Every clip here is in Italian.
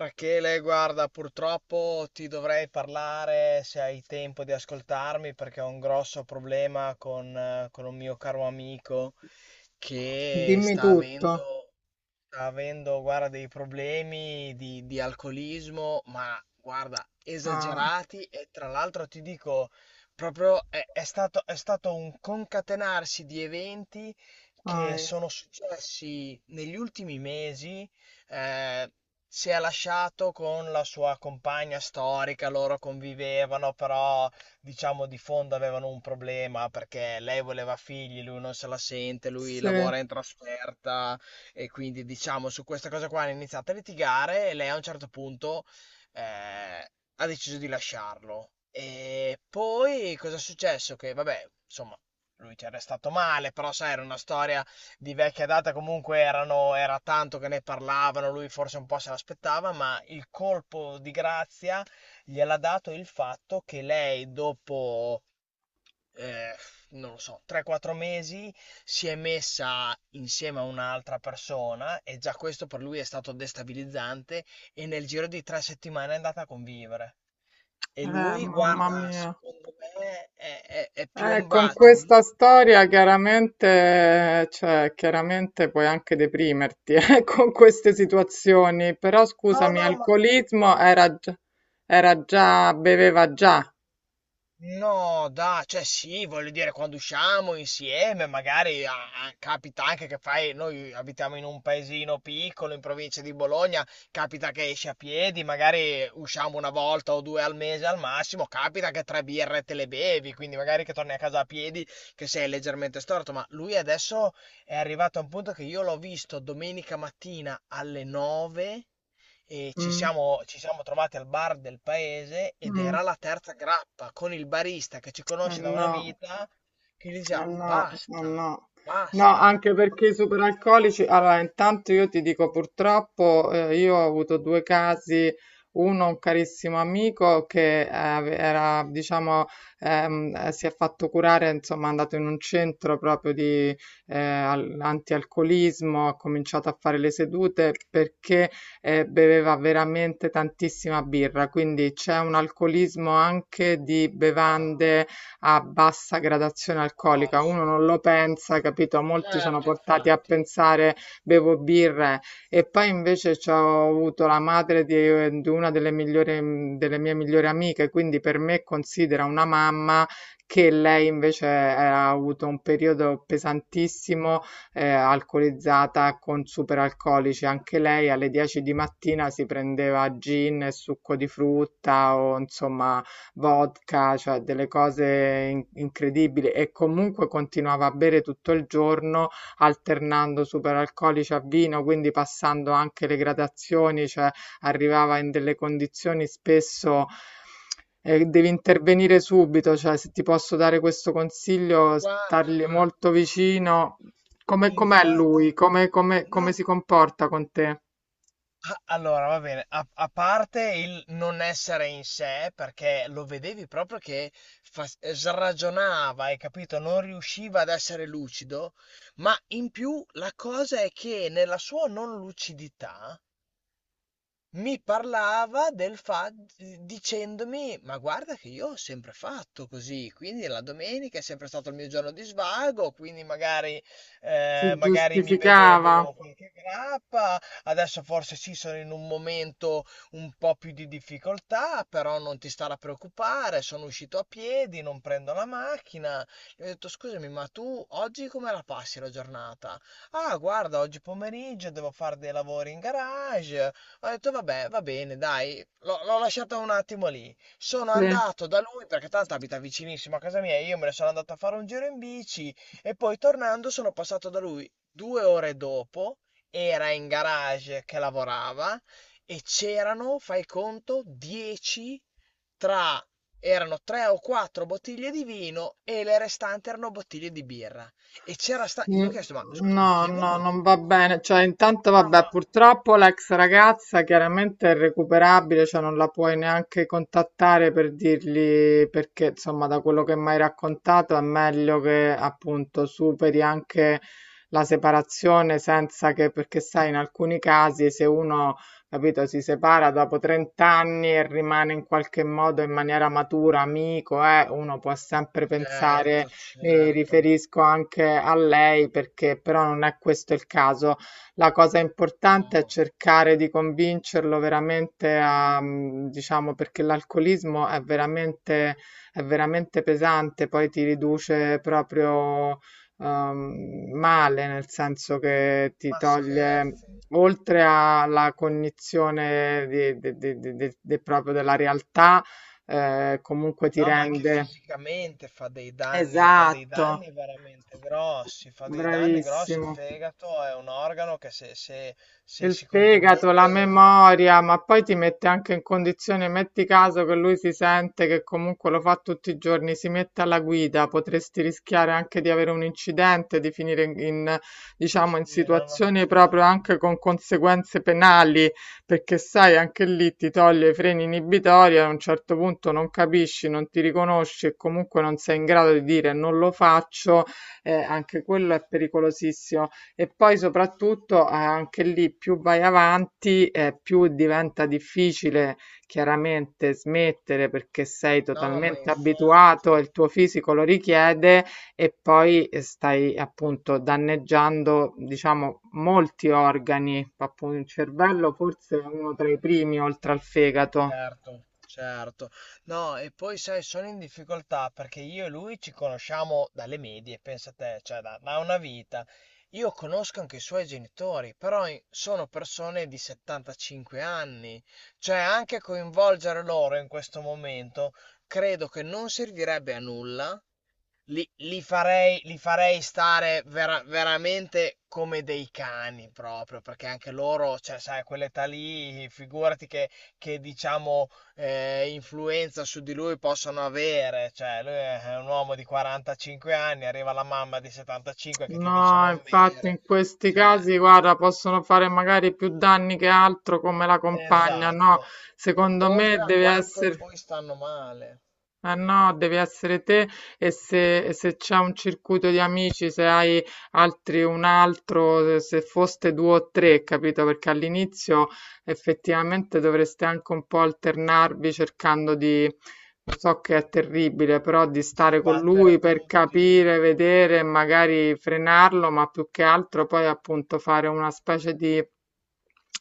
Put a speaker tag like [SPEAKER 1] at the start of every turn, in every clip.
[SPEAKER 1] Rachele, guarda, purtroppo ti dovrei parlare se hai tempo di ascoltarmi perché ho un grosso problema con un mio caro amico che
[SPEAKER 2] Dimmi
[SPEAKER 1] sta
[SPEAKER 2] tutto.
[SPEAKER 1] avendo Sta avendo, guarda, dei problemi di alcolismo, ma guarda,
[SPEAKER 2] Ah,
[SPEAKER 1] esagerati e tra l'altro ti dico, proprio è stato un concatenarsi di eventi
[SPEAKER 2] ah,
[SPEAKER 1] che
[SPEAKER 2] eh,
[SPEAKER 1] sono successi negli ultimi mesi. eh, si è lasciato con la sua compagna storica, loro convivevano, però diciamo di fondo avevano un problema perché lei voleva figli, lui non se la sente, lui
[SPEAKER 2] sì,
[SPEAKER 1] lavora in trasferta. E quindi, diciamo, su questa cosa qua hanno iniziato a litigare e lei a un certo punto eh, ha deciso di lasciarlo. E poi cosa è successo? Che, vabbè, insomma, lui ci è restato male, però sai, era una storia di vecchia data, comunque era tanto che ne parlavano, lui forse un po' se l'aspettava, ma il colpo di grazia gliel'ha dato il fatto che lei dopo eh, non lo so, 3-4 mesi, si è messa insieme a un'altra persona e già questo per lui è stato destabilizzante e nel giro di 3 settimane è andata a convivere. E lui,
[SPEAKER 2] mamma
[SPEAKER 1] guarda,
[SPEAKER 2] mia.
[SPEAKER 1] secondo me è
[SPEAKER 2] Con
[SPEAKER 1] piombato in.
[SPEAKER 2] questa storia chiaramente, cioè, chiaramente puoi anche deprimerti, con queste situazioni, però
[SPEAKER 1] No,
[SPEAKER 2] scusami,
[SPEAKER 1] no,
[SPEAKER 2] alcolismo era, era già, beveva già.
[SPEAKER 1] Cioè sì, voglio dire, quando usciamo insieme, magari capita anche che fai, noi abitiamo in un paesino piccolo in provincia di Bologna, capita che esci a piedi, magari usciamo una volta o due al mese al massimo, capita che tre birre te le bevi, quindi magari che torni a casa a piedi, che sei leggermente storto, ma lui adesso è arrivato a un punto che io l'ho visto domenica mattina alle 9 e ci
[SPEAKER 2] Mm,
[SPEAKER 1] siamo, ci siamo trovati al bar del paese ed
[SPEAKER 2] mm,
[SPEAKER 1] era la terza grappa con il barista che ci conosce da una
[SPEAKER 2] no.
[SPEAKER 1] vita che gli
[SPEAKER 2] Eh
[SPEAKER 1] diceva
[SPEAKER 2] no, eh
[SPEAKER 1] basta,
[SPEAKER 2] no. No,
[SPEAKER 1] basta.
[SPEAKER 2] anche perché i superalcolici, allora intanto io ti dico purtroppo io ho avuto due casi, uno un carissimo amico che era,
[SPEAKER 1] Sì.
[SPEAKER 2] diciamo, si è fatto curare, insomma è andato in un centro proprio di antialcolismo, ha cominciato a fare le sedute perché beveva veramente tantissima birra, quindi c'è un alcolismo anche di
[SPEAKER 1] Ah,
[SPEAKER 2] bevande a bassa gradazione
[SPEAKER 1] a
[SPEAKER 2] alcolica. Uno
[SPEAKER 1] passo.
[SPEAKER 2] non lo pensa, capito? Molti sono
[SPEAKER 1] Certo,
[SPEAKER 2] portati a
[SPEAKER 1] infatti.
[SPEAKER 2] pensare bevo birre e poi invece c'ho avuto la madre di una delle migliori, delle mie migliori amiche, quindi per me considera una mamma che lei invece ha avuto un periodo pesantissimo, alcolizzata con superalcolici. Anche lei alle 10 di mattina si prendeva gin e succo di frutta o insomma vodka, cioè delle cose incredibili e comunque continuava a bere tutto il giorno alternando superalcolici a vino, quindi passando anche le gradazioni, cioè arrivava in delle condizioni spesso devi intervenire subito, cioè se ti posso dare questo consiglio,
[SPEAKER 1] Guarda,
[SPEAKER 2] stargli
[SPEAKER 1] ma
[SPEAKER 2] molto vicino. Come, com'è lui?
[SPEAKER 1] infatti
[SPEAKER 2] Come, come, come
[SPEAKER 1] no.
[SPEAKER 2] si comporta con te?
[SPEAKER 1] A allora va bene, a parte il non essere in sé, perché lo vedevi proprio che fas sragionava, hai capito, non riusciva ad essere lucido, ma in più la cosa è che nella sua non lucidità mi parlava del fa dicendomi: "Ma guarda che io ho sempre fatto così, quindi la domenica è sempre stato il mio giorno di svago, quindi magari,
[SPEAKER 2] Si
[SPEAKER 1] magari mi
[SPEAKER 2] giustificava?
[SPEAKER 1] bevevo qualche grappa, adesso forse sì sono in un momento un po' più di difficoltà, però non ti stare a preoccupare, sono uscito a piedi, non prendo la macchina". Gli ho detto: "Scusami, ma tu oggi come la passi la giornata?" "Ah guarda, oggi pomeriggio devo fare dei lavori in garage". Ho detto vabbè, va bene, dai, l'ho lasciata un attimo lì. Sono
[SPEAKER 2] Sì.
[SPEAKER 1] andato da lui perché tanto abita vicinissimo a casa mia, io me ne sono andato a fare un giro in bici e poi tornando sono passato da lui 2 ore dopo, era in garage che lavorava e c'erano, fai conto, 10 tra. Erano tre o quattro bottiglie di vino e le restanti erano bottiglie di birra. E c'era sta. Gli
[SPEAKER 2] Mm,
[SPEAKER 1] ho chiesto, ma scusami,
[SPEAKER 2] No,
[SPEAKER 1] chi è
[SPEAKER 2] no,
[SPEAKER 1] venuto
[SPEAKER 2] non
[SPEAKER 1] qua?
[SPEAKER 2] va bene. Cioè, intanto,
[SPEAKER 1] No,
[SPEAKER 2] vabbè,
[SPEAKER 1] ma.
[SPEAKER 2] purtroppo l'ex ragazza chiaramente è irrecuperabile, cioè non la puoi neanche contattare per dirgli perché, insomma, da quello che mi hai raccontato è meglio che appunto superi anche la separazione senza che, perché sai, in alcuni casi se uno, capito, si separa dopo 30 anni e rimane in qualche modo in maniera matura, amico, uno può sempre pensare
[SPEAKER 1] Certo,
[SPEAKER 2] mi
[SPEAKER 1] certo.
[SPEAKER 2] riferisco anche a lei perché però non è questo il caso. La cosa importante è
[SPEAKER 1] No,
[SPEAKER 2] cercare di convincerlo veramente a, diciamo, perché l'alcolismo è veramente pesante, poi ti riduce proprio male, nel senso che ti
[SPEAKER 1] ma
[SPEAKER 2] toglie,
[SPEAKER 1] scherzi?
[SPEAKER 2] oltre alla cognizione proprio della realtà, comunque ti
[SPEAKER 1] No, ma anche
[SPEAKER 2] rende...
[SPEAKER 1] fisicamente fa dei
[SPEAKER 2] Esatto.
[SPEAKER 1] danni veramente grossi, fa dei danni grossi. Il
[SPEAKER 2] Bravissimo.
[SPEAKER 1] fegato è un organo che se
[SPEAKER 2] Il
[SPEAKER 1] si
[SPEAKER 2] fegato, la
[SPEAKER 1] compromette.
[SPEAKER 2] memoria, ma poi ti mette anche in condizione, metti caso che lui si sente che comunque lo fa tutti i giorni, si mette alla guida, potresti rischiare anche di avere un incidente, di finire in, in,
[SPEAKER 1] Sì,
[SPEAKER 2] diciamo, in
[SPEAKER 1] sì, no, no,
[SPEAKER 2] situazioni proprio
[SPEAKER 1] certo.
[SPEAKER 2] anche con conseguenze penali, perché sai, anche lì ti toglie i freni inibitori, a un certo punto non capisci, non ti riconosci e comunque non sei in grado di dire non lo faccio, anche quello è pericolosissimo. E poi soprattutto, anche lì, più vai avanti, più diventa difficile chiaramente smettere perché sei
[SPEAKER 1] No, ma
[SPEAKER 2] totalmente abituato,
[SPEAKER 1] infatti.
[SPEAKER 2] il tuo fisico lo richiede e poi stai appunto danneggiando, diciamo, molti organi, appunto il cervello forse è uno tra i primi oltre al fegato.
[SPEAKER 1] Certo, certo. No, e poi sai, sono in difficoltà perché io e lui ci conosciamo dalle medie, pensa te, cioè da, da una vita. Io conosco anche i suoi genitori, però in- sono persone di 75 anni, cioè anche coinvolgere loro in questo momento credo che non servirebbe a nulla, li, li farei stare veramente come dei cani proprio, perché anche loro, cioè, sai, a quell'età lì, figurati che, diciamo, influenza su di lui possono avere. Cioè, lui è un uomo di 45 anni, arriva la mamma di 75 che ti dice
[SPEAKER 2] No,
[SPEAKER 1] non
[SPEAKER 2] infatti
[SPEAKER 1] bere.
[SPEAKER 2] in questi
[SPEAKER 1] Cioè,
[SPEAKER 2] casi, guarda, possono fare magari più danni che altro come la compagna, no?
[SPEAKER 1] esatto. O-
[SPEAKER 2] Secondo me
[SPEAKER 1] Oltre a
[SPEAKER 2] deve
[SPEAKER 1] quanto
[SPEAKER 2] essere...
[SPEAKER 1] poi stanno male.
[SPEAKER 2] Eh no, devi essere te e se c'è un circuito di amici, se hai altri un altro, se se foste due o tre, capito? Perché all'inizio effettivamente dovreste anche un po' alternarvi cercando di, so che è terribile, però di
[SPEAKER 1] Sì,
[SPEAKER 2] stare con lui
[SPEAKER 1] battere
[SPEAKER 2] per
[SPEAKER 1] tutti,
[SPEAKER 2] capire, vedere, magari frenarlo, ma più che altro poi appunto fare una specie di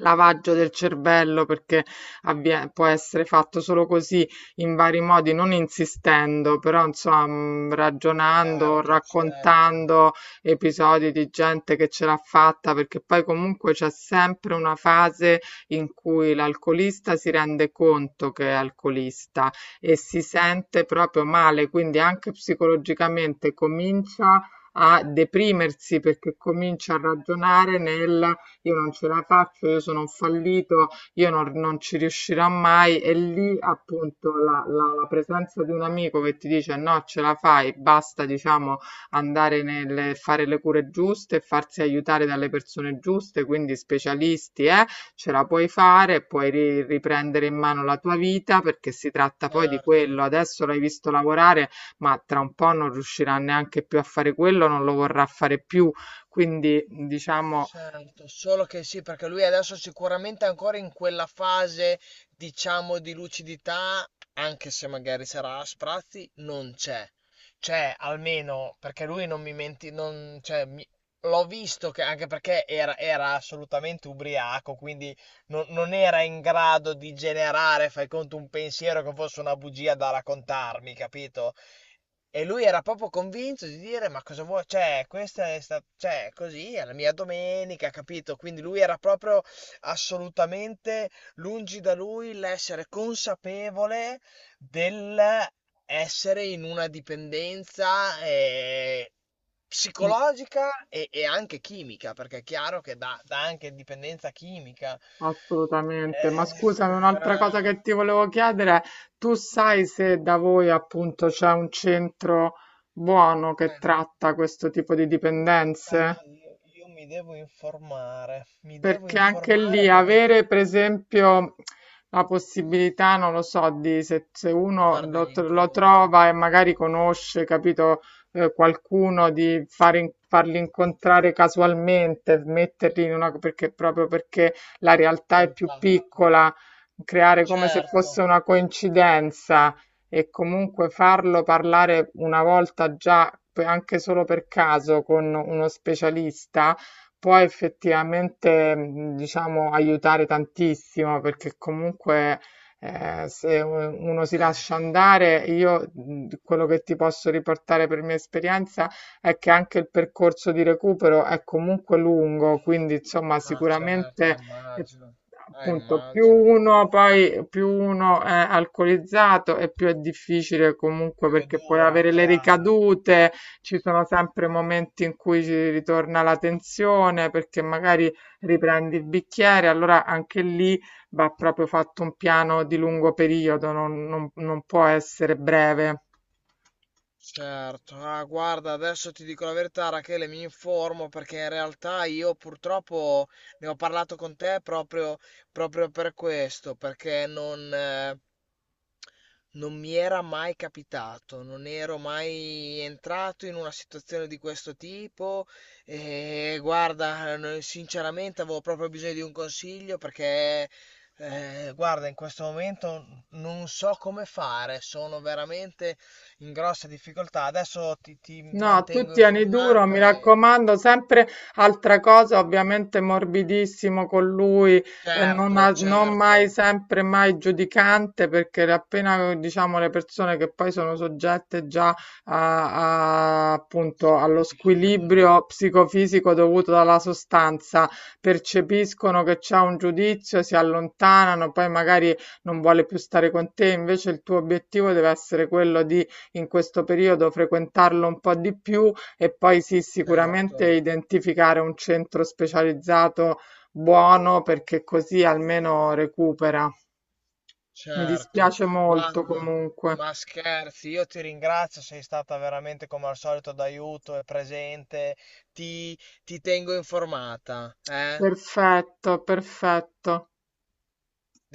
[SPEAKER 2] lavaggio del cervello perché può essere fatto solo così in vari modi, non insistendo, però insomma ragionando,
[SPEAKER 1] certo, certo,
[SPEAKER 2] raccontando episodi di gente che ce l'ha fatta, perché poi comunque c'è sempre una fase in cui l'alcolista si rende conto che è alcolista e si sente proprio male, quindi anche psicologicamente comincia a deprimersi perché comincia a ragionare nel io non ce la faccio, io sono un fallito, io non, non ci riuscirò mai. E lì appunto la presenza di un amico che ti dice no, ce la fai, basta, diciamo, andare nel fare le cure giuste, farsi aiutare dalle persone giuste, quindi specialisti, ce la puoi fare, puoi riprendere in mano la tua vita perché si tratta poi di
[SPEAKER 1] certo.
[SPEAKER 2] quello. Adesso l'hai visto lavorare, ma tra un po' non riuscirà neanche più a fare quello, non lo vorrà fare più. Quindi, diciamo,
[SPEAKER 1] Certo, solo che sì, perché lui adesso sicuramente è ancora in quella fase, diciamo, di lucidità, anche se magari sarà a sprazzi, non c'è. Cioè, almeno, perché lui non mi menti, non, cioè, mi- l'ho visto che, anche perché era assolutamente ubriaco, quindi non era in grado di generare, fai conto, un pensiero che fosse una bugia da raccontarmi, capito? E lui era proprio convinto di dire: Ma cosa vuoi? Cioè, questa è sta- cioè, così è la mia domenica, capito? Quindi lui era proprio assolutamente lungi da lui l'essere consapevole dell'essere in una dipendenza psicologica e anche chimica, perché è chiaro che dà anche dipendenza chimica. Eh,
[SPEAKER 2] assolutamente, ma scusami, un'altra cosa
[SPEAKER 1] eh,
[SPEAKER 2] che ti volevo chiedere, tu sai se da voi appunto c'è un centro buono
[SPEAKER 1] Sì.
[SPEAKER 2] che tratta questo tipo di
[SPEAKER 1] Sai
[SPEAKER 2] dipendenze?
[SPEAKER 1] che io mi devo
[SPEAKER 2] Perché anche lì
[SPEAKER 1] informare perché ti.
[SPEAKER 2] avere per esempio la possibilità, non lo so, di se, se uno
[SPEAKER 1] Fare
[SPEAKER 2] lo,
[SPEAKER 1] degli
[SPEAKER 2] lo
[SPEAKER 1] incontri,
[SPEAKER 2] trova e magari conosce, capito, qualcuno di far farli incontrare casualmente, metterli in una, perché proprio perché la realtà è più
[SPEAKER 1] contatto.
[SPEAKER 2] piccola, creare come se fosse
[SPEAKER 1] Certo.
[SPEAKER 2] una coincidenza e comunque farlo parlare una volta già, anche solo per caso, con uno specialista può effettivamente, diciamo, aiutare tantissimo perché comunque se u- uno si
[SPEAKER 1] Eh,
[SPEAKER 2] lascia andare, io quello che ti posso riportare per mia esperienza è che anche il percorso di recupero è comunque lungo, quindi insomma
[SPEAKER 1] ah certo,
[SPEAKER 2] sicuramente
[SPEAKER 1] ah,
[SPEAKER 2] eh,
[SPEAKER 1] immagino. Ah,
[SPEAKER 2] appunto
[SPEAKER 1] immagino.
[SPEAKER 2] più uno è alcolizzato e più è difficile comunque
[SPEAKER 1] Più è
[SPEAKER 2] perché puoi
[SPEAKER 1] dura,
[SPEAKER 2] avere le
[SPEAKER 1] chiaro.
[SPEAKER 2] ricadute ci sono sempre momenti in cui ci ritorna la tensione perché magari riprendi il bicchiere, allora anche lì va proprio fatto un piano di lungo periodo, non, non può essere breve.
[SPEAKER 1] Certo, ah, guarda, adesso ti dico la verità, Rachele, mi informo perché in realtà io purtroppo ne ho parlato con te proprio, proprio per questo, perché Non mi era mai capitato, non ero mai entrato in una situazione di questo tipo e guarda, sinceramente avevo proprio bisogno di un consiglio perché guarda, in questo momento non so come fare, sono veramente in grosse difficoltà. Adesso ti
[SPEAKER 2] No, tu
[SPEAKER 1] mantengo
[SPEAKER 2] tieni duro, mi
[SPEAKER 1] informata e
[SPEAKER 2] raccomando, sempre altra cosa, ovviamente morbidissimo con lui,
[SPEAKER 1] certo,
[SPEAKER 2] non mai
[SPEAKER 1] certo,
[SPEAKER 2] sempre mai giudicante, perché appena diciamo le persone che poi sono soggette già appunto
[SPEAKER 1] sì, sì,
[SPEAKER 2] allo
[SPEAKER 1] si chiudono,
[SPEAKER 2] squilibrio psicofisico dovuto dalla sostanza, percepiscono che c'è un giudizio, si allontanano, poi magari non vuole più stare con te, invece il tuo obiettivo deve essere quello di in questo periodo frequentarlo un po' di più e poi sì, sicuramente
[SPEAKER 1] certo.
[SPEAKER 2] identificare un centro specializzato buono perché così almeno recupera. Mi
[SPEAKER 1] Certo,
[SPEAKER 2] dispiace molto
[SPEAKER 1] guarda,
[SPEAKER 2] comunque.
[SPEAKER 1] ma scherzi, io ti ringrazio, sei stata veramente come al solito d'aiuto e presente, ti, ti tengo informata, eh?
[SPEAKER 2] Perfetto, perfetto.